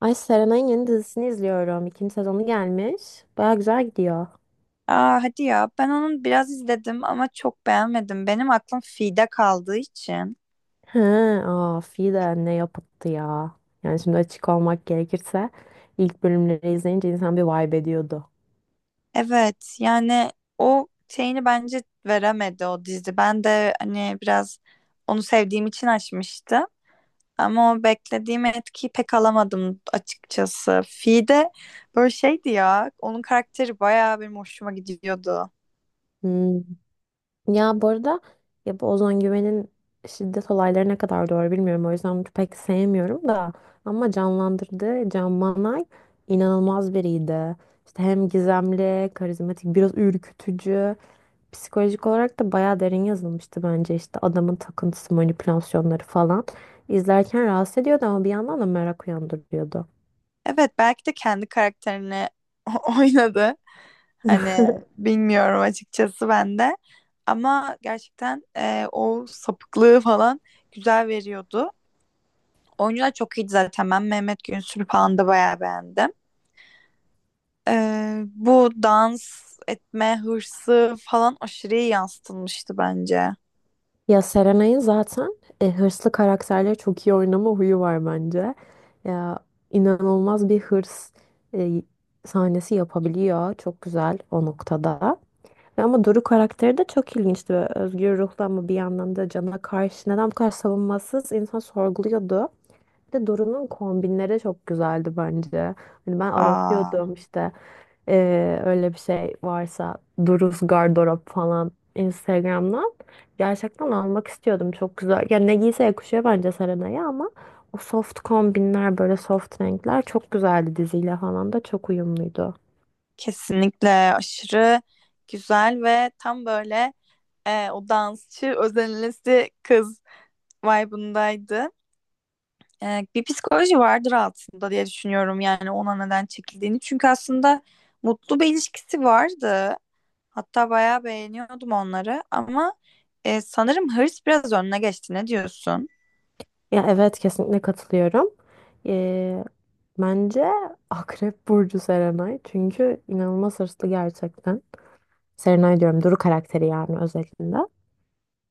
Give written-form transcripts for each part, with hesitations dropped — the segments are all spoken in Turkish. Ay Serenay'ın yeni dizisini izliyorum. İkinci sezonu gelmiş. Baya güzel gidiyor. Aa, hadi ya ben onu biraz izledim ama çok beğenmedim. Benim aklım Fi'de kaldığı için. He, aa, de ne yapıttı ya. Yani şimdi açık olmak gerekirse ilk bölümleri izleyince insan bir vibe ediyordu. Evet, yani o şeyini bence veremedi o dizi. Ben de hani biraz onu sevdiğim için açmıştım. Ama o beklediğim etkiyi pek alamadım açıkçası. Fi'de böyle şeydi ya. Onun karakteri bayağı benim hoşuma gidiyordu. Hmm. Ya bu arada ya bu Ozan Güven'in şiddet olayları ne kadar doğru bilmiyorum. O yüzden pek sevmiyorum da. Ama canlandırdığı Can Manay inanılmaz biriydi. İşte hem gizemli, karizmatik, biraz ürkütücü. Psikolojik olarak da bayağı derin yazılmıştı bence, işte adamın takıntısı, manipülasyonları falan. İzlerken rahatsız ediyordu ama bir yandan da merak uyandırıyordu. Evet, belki de kendi karakterini oynadı. Hani bilmiyorum açıkçası ben de. Ama gerçekten o sapıklığı falan güzel veriyordu. Oyuncular çok iyiydi zaten. Ben Mehmet Günsür'ü falan da bayağı beğendim. Bu dans etme hırsı falan aşırı iyi yansıtılmıştı bence. Ya Serenay'ın zaten hırslı karakterleri çok iyi oynama huyu var bence. Ya inanılmaz bir hırs e, sahnesi yapabiliyor. Çok güzel o noktada. Ve ama Doru karakteri de çok ilginçti. Böyle özgür ruhlu ama bir yandan da cana karşı neden bu kadar savunmasız insan sorguluyordu. Bir de Duru'nun kombinleri çok güzeldi bence. Hani ben Aa, aratıyordum işte, öyle bir şey varsa Duru's gardırop falan Instagram'dan. Gerçekten almak istiyordum. Çok güzel. Yani ne giyse yakışıyor bence Serena'ya ama o soft kombinler, böyle soft renkler çok güzeldi, diziyle falan da çok uyumluydu. kesinlikle aşırı güzel ve tam böyle o dansçı özenlisi kız vibe'ındaydı. E, bir psikoloji vardır altında diye düşünüyorum, yani ona neden çekildiğini. Çünkü aslında mutlu bir ilişkisi vardı. Hatta bayağı beğeniyordum onları ama sanırım hırs biraz önüne geçti. Ne diyorsun? Ya evet, kesinlikle katılıyorum. Eee, Bence Akrep Burcu Serenay, çünkü inanılmaz hırslı gerçekten. Serenay diyorum, Duru karakteri yani, özelinde.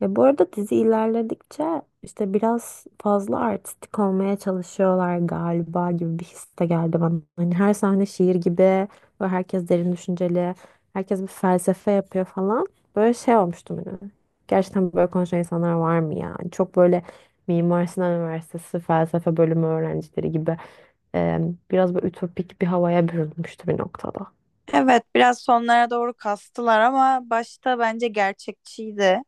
Ya bu arada dizi ilerledikçe işte biraz fazla artistik olmaya çalışıyorlar galiba gibi bir his de geldi bana. Hani her sahne şiir gibi ve herkes derin düşünceli, herkes bir felsefe yapıyor falan. Böyle şey olmuştum hani. Gerçekten böyle konuşan insanlar var mı ya? Hani, çok böyle Mimar Sinan Üniversitesi felsefe bölümü öğrencileri gibi, e, biraz böyle ütopik bir havaya bürünmüştü bir noktada. Evet, biraz sonlara doğru kastılar ama başta bence gerçekçiydi.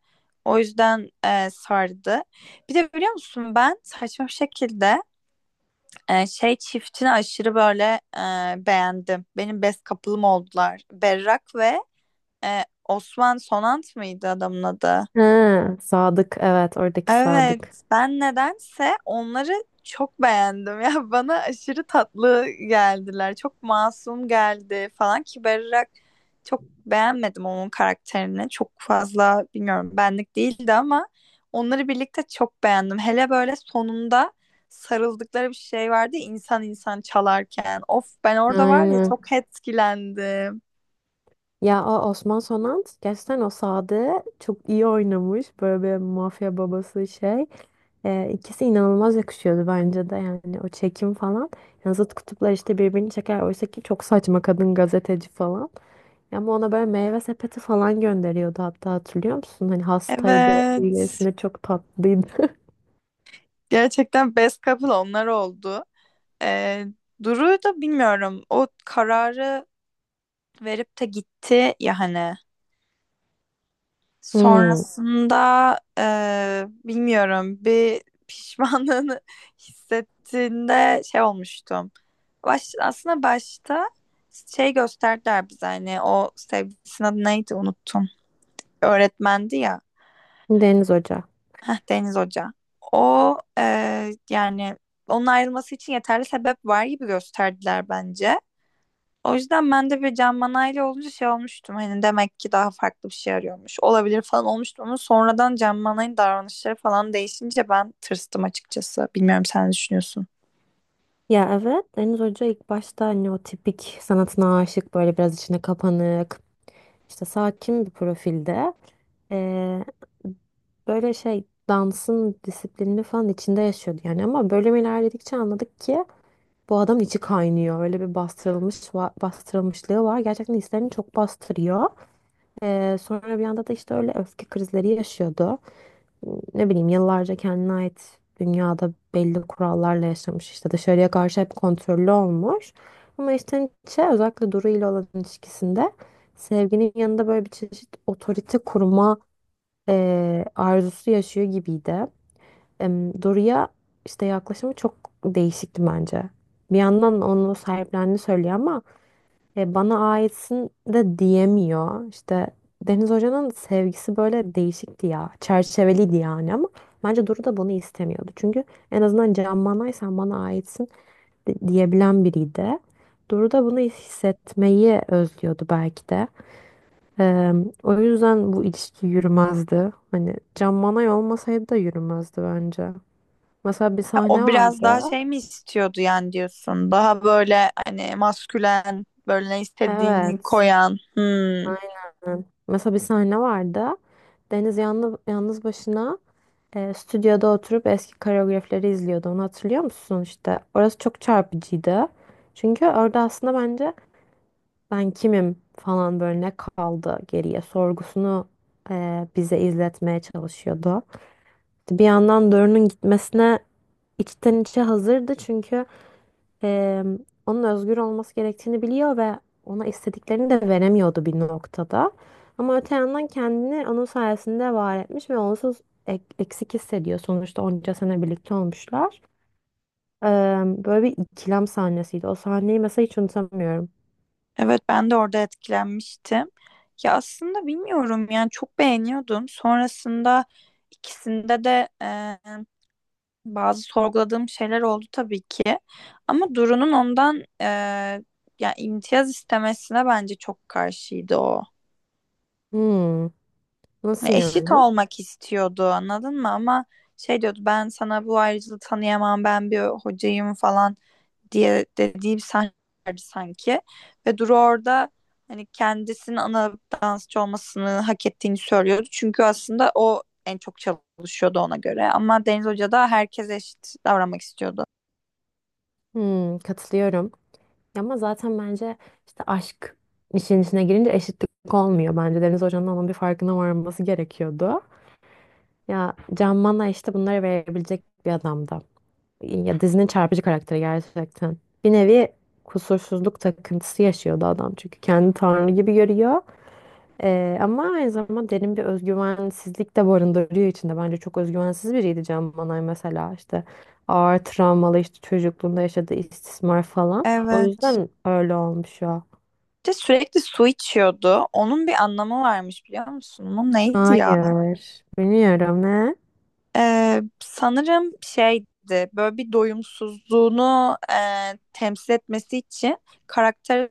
O yüzden sardı. Bir de biliyor musun, ben saçma bir şekilde şey çiftini aşırı böyle beğendim. Benim best couple'ım oldular. Berrak ve Osman Sonant mıydı adamın adı? Ha, Sadık, evet, oradaki Evet, Sadık. ben nedense onları çok beğendim. Ya bana aşırı tatlı geldiler. Çok masum geldi falan ki Berrak, çok beğenmedim onun karakterini. Çok fazla bilmiyorum, benlik değildi ama onları birlikte çok beğendim. Hele böyle sonunda sarıldıkları bir şey vardı ya, insan çalarken. Of, ben orada var ya Aynen. çok etkilendim. Ya o Osman Sonant gerçekten o Sadık'ı çok iyi oynamış. Böyle bir mafya babası şey. İkisi inanılmaz yakışıyordu bence de, yani o çekim falan. Yani zıt kutuplar işte birbirini çeker. Oysa ki çok saçma, kadın gazeteci falan. Ama ona böyle meyve sepeti falan gönderiyordu, hatta, hatırlıyor musun? Hani hastaydı. Evet. İyilesinde çok tatlıydı. Gerçekten best couple onlar oldu. Ee, Duru'yu da bilmiyorum. O kararı verip de gitti ya hani. Hmm, Sonrasında bilmiyorum, bir pişmanlığını hissettiğinde şey olmuştum. Baş, aslında başta şey gösterdiler bize, hani o sevgilisinin adı neydi unuttum. Öğretmendi ya. Deniz Hoca. Heh, Deniz Hoca. O e, yani onun ayrılması için yeterli sebep var gibi gösterdiler bence. O yüzden ben de bir Can Manay'la olunca şey olmuştum. Hani demek ki daha farklı bir şey arıyormuş. Olabilir falan olmuştum ama sonradan Can Manay'ın davranışları falan değişince ben tırstım açıkçası. Bilmiyorum, sen ne düşünüyorsun? Ya evet, Deniz Hoca ilk başta hani o tipik sanatına aşık, böyle biraz içine kapanık, işte sakin bir profilde. Ee, Böyle şey, dansın disiplinini falan içinde yaşıyordu yani, ama bölüm ilerledikçe anladık ki bu adam içi kaynıyor, öyle bir bastırılmış bastırılmışlığı var, gerçekten hislerini çok bastırıyor. Sonra bir anda da işte öyle öfke krizleri yaşıyordu. Ne bileyim, yıllarca kendine ait dünyada belli kurallarla yaşamış, işte dışarıya karşı hep kontrollü olmuş. Ama işte Nietzsche, özellikle Duru ile olan ilişkisinde sevginin yanında böyle bir çeşit otorite kurma arzusu yaşıyor gibiydi. Duru'ya işte yaklaşımı çok değişikti bence. Bir yandan onu sahiplendiğini söylüyor ama bana aitsin de diyemiyor. İşte Deniz Hoca'nın sevgisi böyle değişikti ya. Çerçeveliydi yani, ama bence Duru da bunu istemiyordu. Çünkü en azından Can Manay sen bana aitsin diyebilen biriydi. Duru da bunu hissetmeyi özlüyordu belki de. E, O yüzden bu ilişki yürümezdi. Hani Can Manay olmasaydı da yürümezdi bence. Mesela bir Ha, sahne o biraz daha vardı. şey mi istiyordu yani diyorsun? Daha böyle hani maskülen, böyle ne istediğini Evet. koyan. Hmm. Aynen. Mesela bir sahne vardı. Deniz yalnız, yalnız başına stüdyoda oturup eski koreografileri izliyordu. Onu hatırlıyor musun işte? Orası çok çarpıcıydı. Çünkü orada aslında bence ben kimim falan, böyle ne kaldı geriye sorgusunu bize izletmeye çalışıyordu. Bir yandan Dorun'un gitmesine içten içe hazırdı, çünkü e, onun özgür olması gerektiğini biliyor ve ona istediklerini de veremiyordu bir noktada. Ama öte yandan kendini onun sayesinde var etmiş ve onsuz eksik hissediyor. Sonuçta onca sene birlikte olmuşlar. E, Böyle bir ikilem sahnesiydi. O sahneyi mesela hiç unutamıyorum. Evet, ben de orada etkilenmiştim. Ya aslında bilmiyorum, yani çok beğeniyordum. Sonrasında ikisinde de bazı sorguladığım şeyler oldu tabii ki. Ama Duru'nun ondan yani imtiyaz istemesine bence çok karşıydı o. Hmm, Hani nasıl eşit yani? olmak istiyordu anladın mı? Ama şey diyordu, ben sana bu ayrıcalığı tanıyamam ben bir hocayım falan diye dediği bir sahne vardı sanki. Ve Duru orada hani kendisinin ana dansçı olmasını hak ettiğini söylüyordu. Çünkü aslında o en çok çalışıyordu ona göre. Ama Deniz Hoca da herkes eşit davranmak istiyordu. Hmm, katılıyorum. Ama zaten bence işte aşk işin içine girince eşitlik olmuyor. Bence Deniz Hoca'nın onun bir farkına varması gerekiyordu. Ya Can Mana işte bunları verebilecek bir adamdı. Ya dizinin çarpıcı karakteri gerçekten. Bir nevi kusursuzluk takıntısı yaşıyordu adam. Çünkü kendi tanrı gibi görüyor. Ama aynı zamanda derin bir özgüvensizlik de barındırıyor içinde. Bence çok özgüvensiz biriydi Can Manay mesela. İşte ağır travmalı, işte çocukluğunda yaşadığı istismar falan. O Evet. yüzden öyle olmuş o. Bir de sürekli su içiyordu. Onun bir anlamı varmış biliyor musun? Onun neydi ya? Hayır. Bilmiyorum, ne? Sanırım şeydi, böyle bir doyumsuzluğunu temsil etmesi için karakter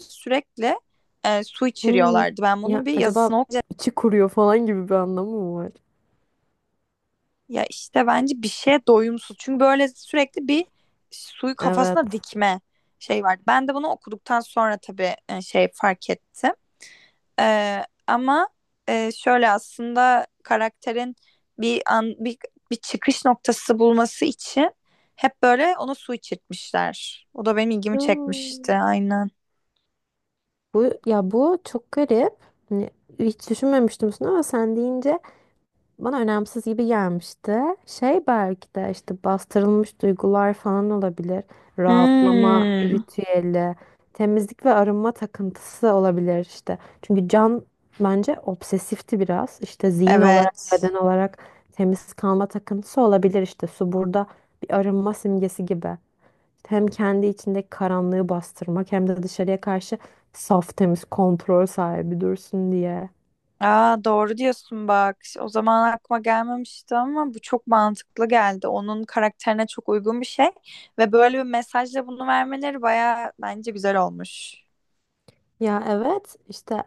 sürekli su Hmm. içiriyorlardı. Ben Ya bunun bir acaba yazısını okuyacağım. içi kuruyor falan gibi bir anlamı mı var? Ya işte bence bir şeye doyumsuz. Çünkü böyle sürekli bir suyu Evet. kafasına dikme şey vardı. Ben de bunu okuduktan sonra tabii şey fark ettim. Ama şöyle aslında karakterin bir an bir, bir çıkış noktası bulması için hep böyle ona su içirtmişler. O da benim ilgimi çekmişti Hmm. aynen. Bu, ya, bu çok garip. Hani hiç düşünmemiştim bunu ama sen deyince bana önemsiz gibi gelmişti. Şey belki de işte bastırılmış duygular falan olabilir. Rahatlama Hmm, ritüeli, temizlik ve arınma takıntısı olabilir işte. Çünkü Can bence obsesifti biraz. İşte zihin olarak, evet. beden olarak temiz kalma takıntısı olabilir işte. Su burada bir arınma simgesi gibi. Hem kendi içindeki karanlığı bastırmak, hem de dışarıya karşı saf, temiz, kontrol sahibi dursun diye. Aa, doğru diyorsun bak. O zaman aklıma gelmemişti ama bu çok mantıklı geldi. Onun karakterine çok uygun bir şey ve böyle bir mesajla bunu vermeleri baya bence güzel olmuş. Ya evet, işte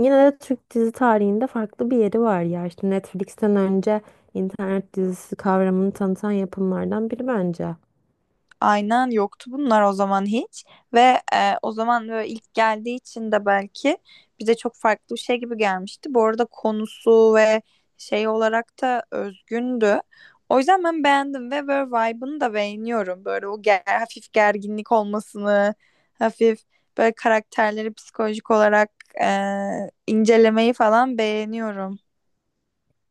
yine de Türk dizi tarihinde farklı bir yeri var ya, işte Netflix'ten önce internet dizisi kavramını tanıtan yapımlardan biri bence. Aynen, yoktu bunlar o zaman hiç ve o zaman böyle ilk geldiği için de belki bize çok farklı bir şey gibi gelmişti. Bu arada konusu ve şey olarak da özgündü. O yüzden ben beğendim ve böyle vibe'ını da beğeniyorum. Böyle o ger hafif gerginlik olmasını, hafif böyle karakterleri psikolojik olarak e, incelemeyi falan beğeniyorum.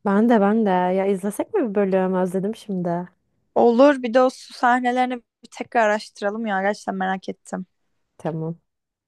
Ben de, ben de, ya izlesek mi bir bölüm, özledim şimdi. Olur, bir de o su sahnelerini bir tekrar araştıralım ya, gerçekten merak ettim. Tamam.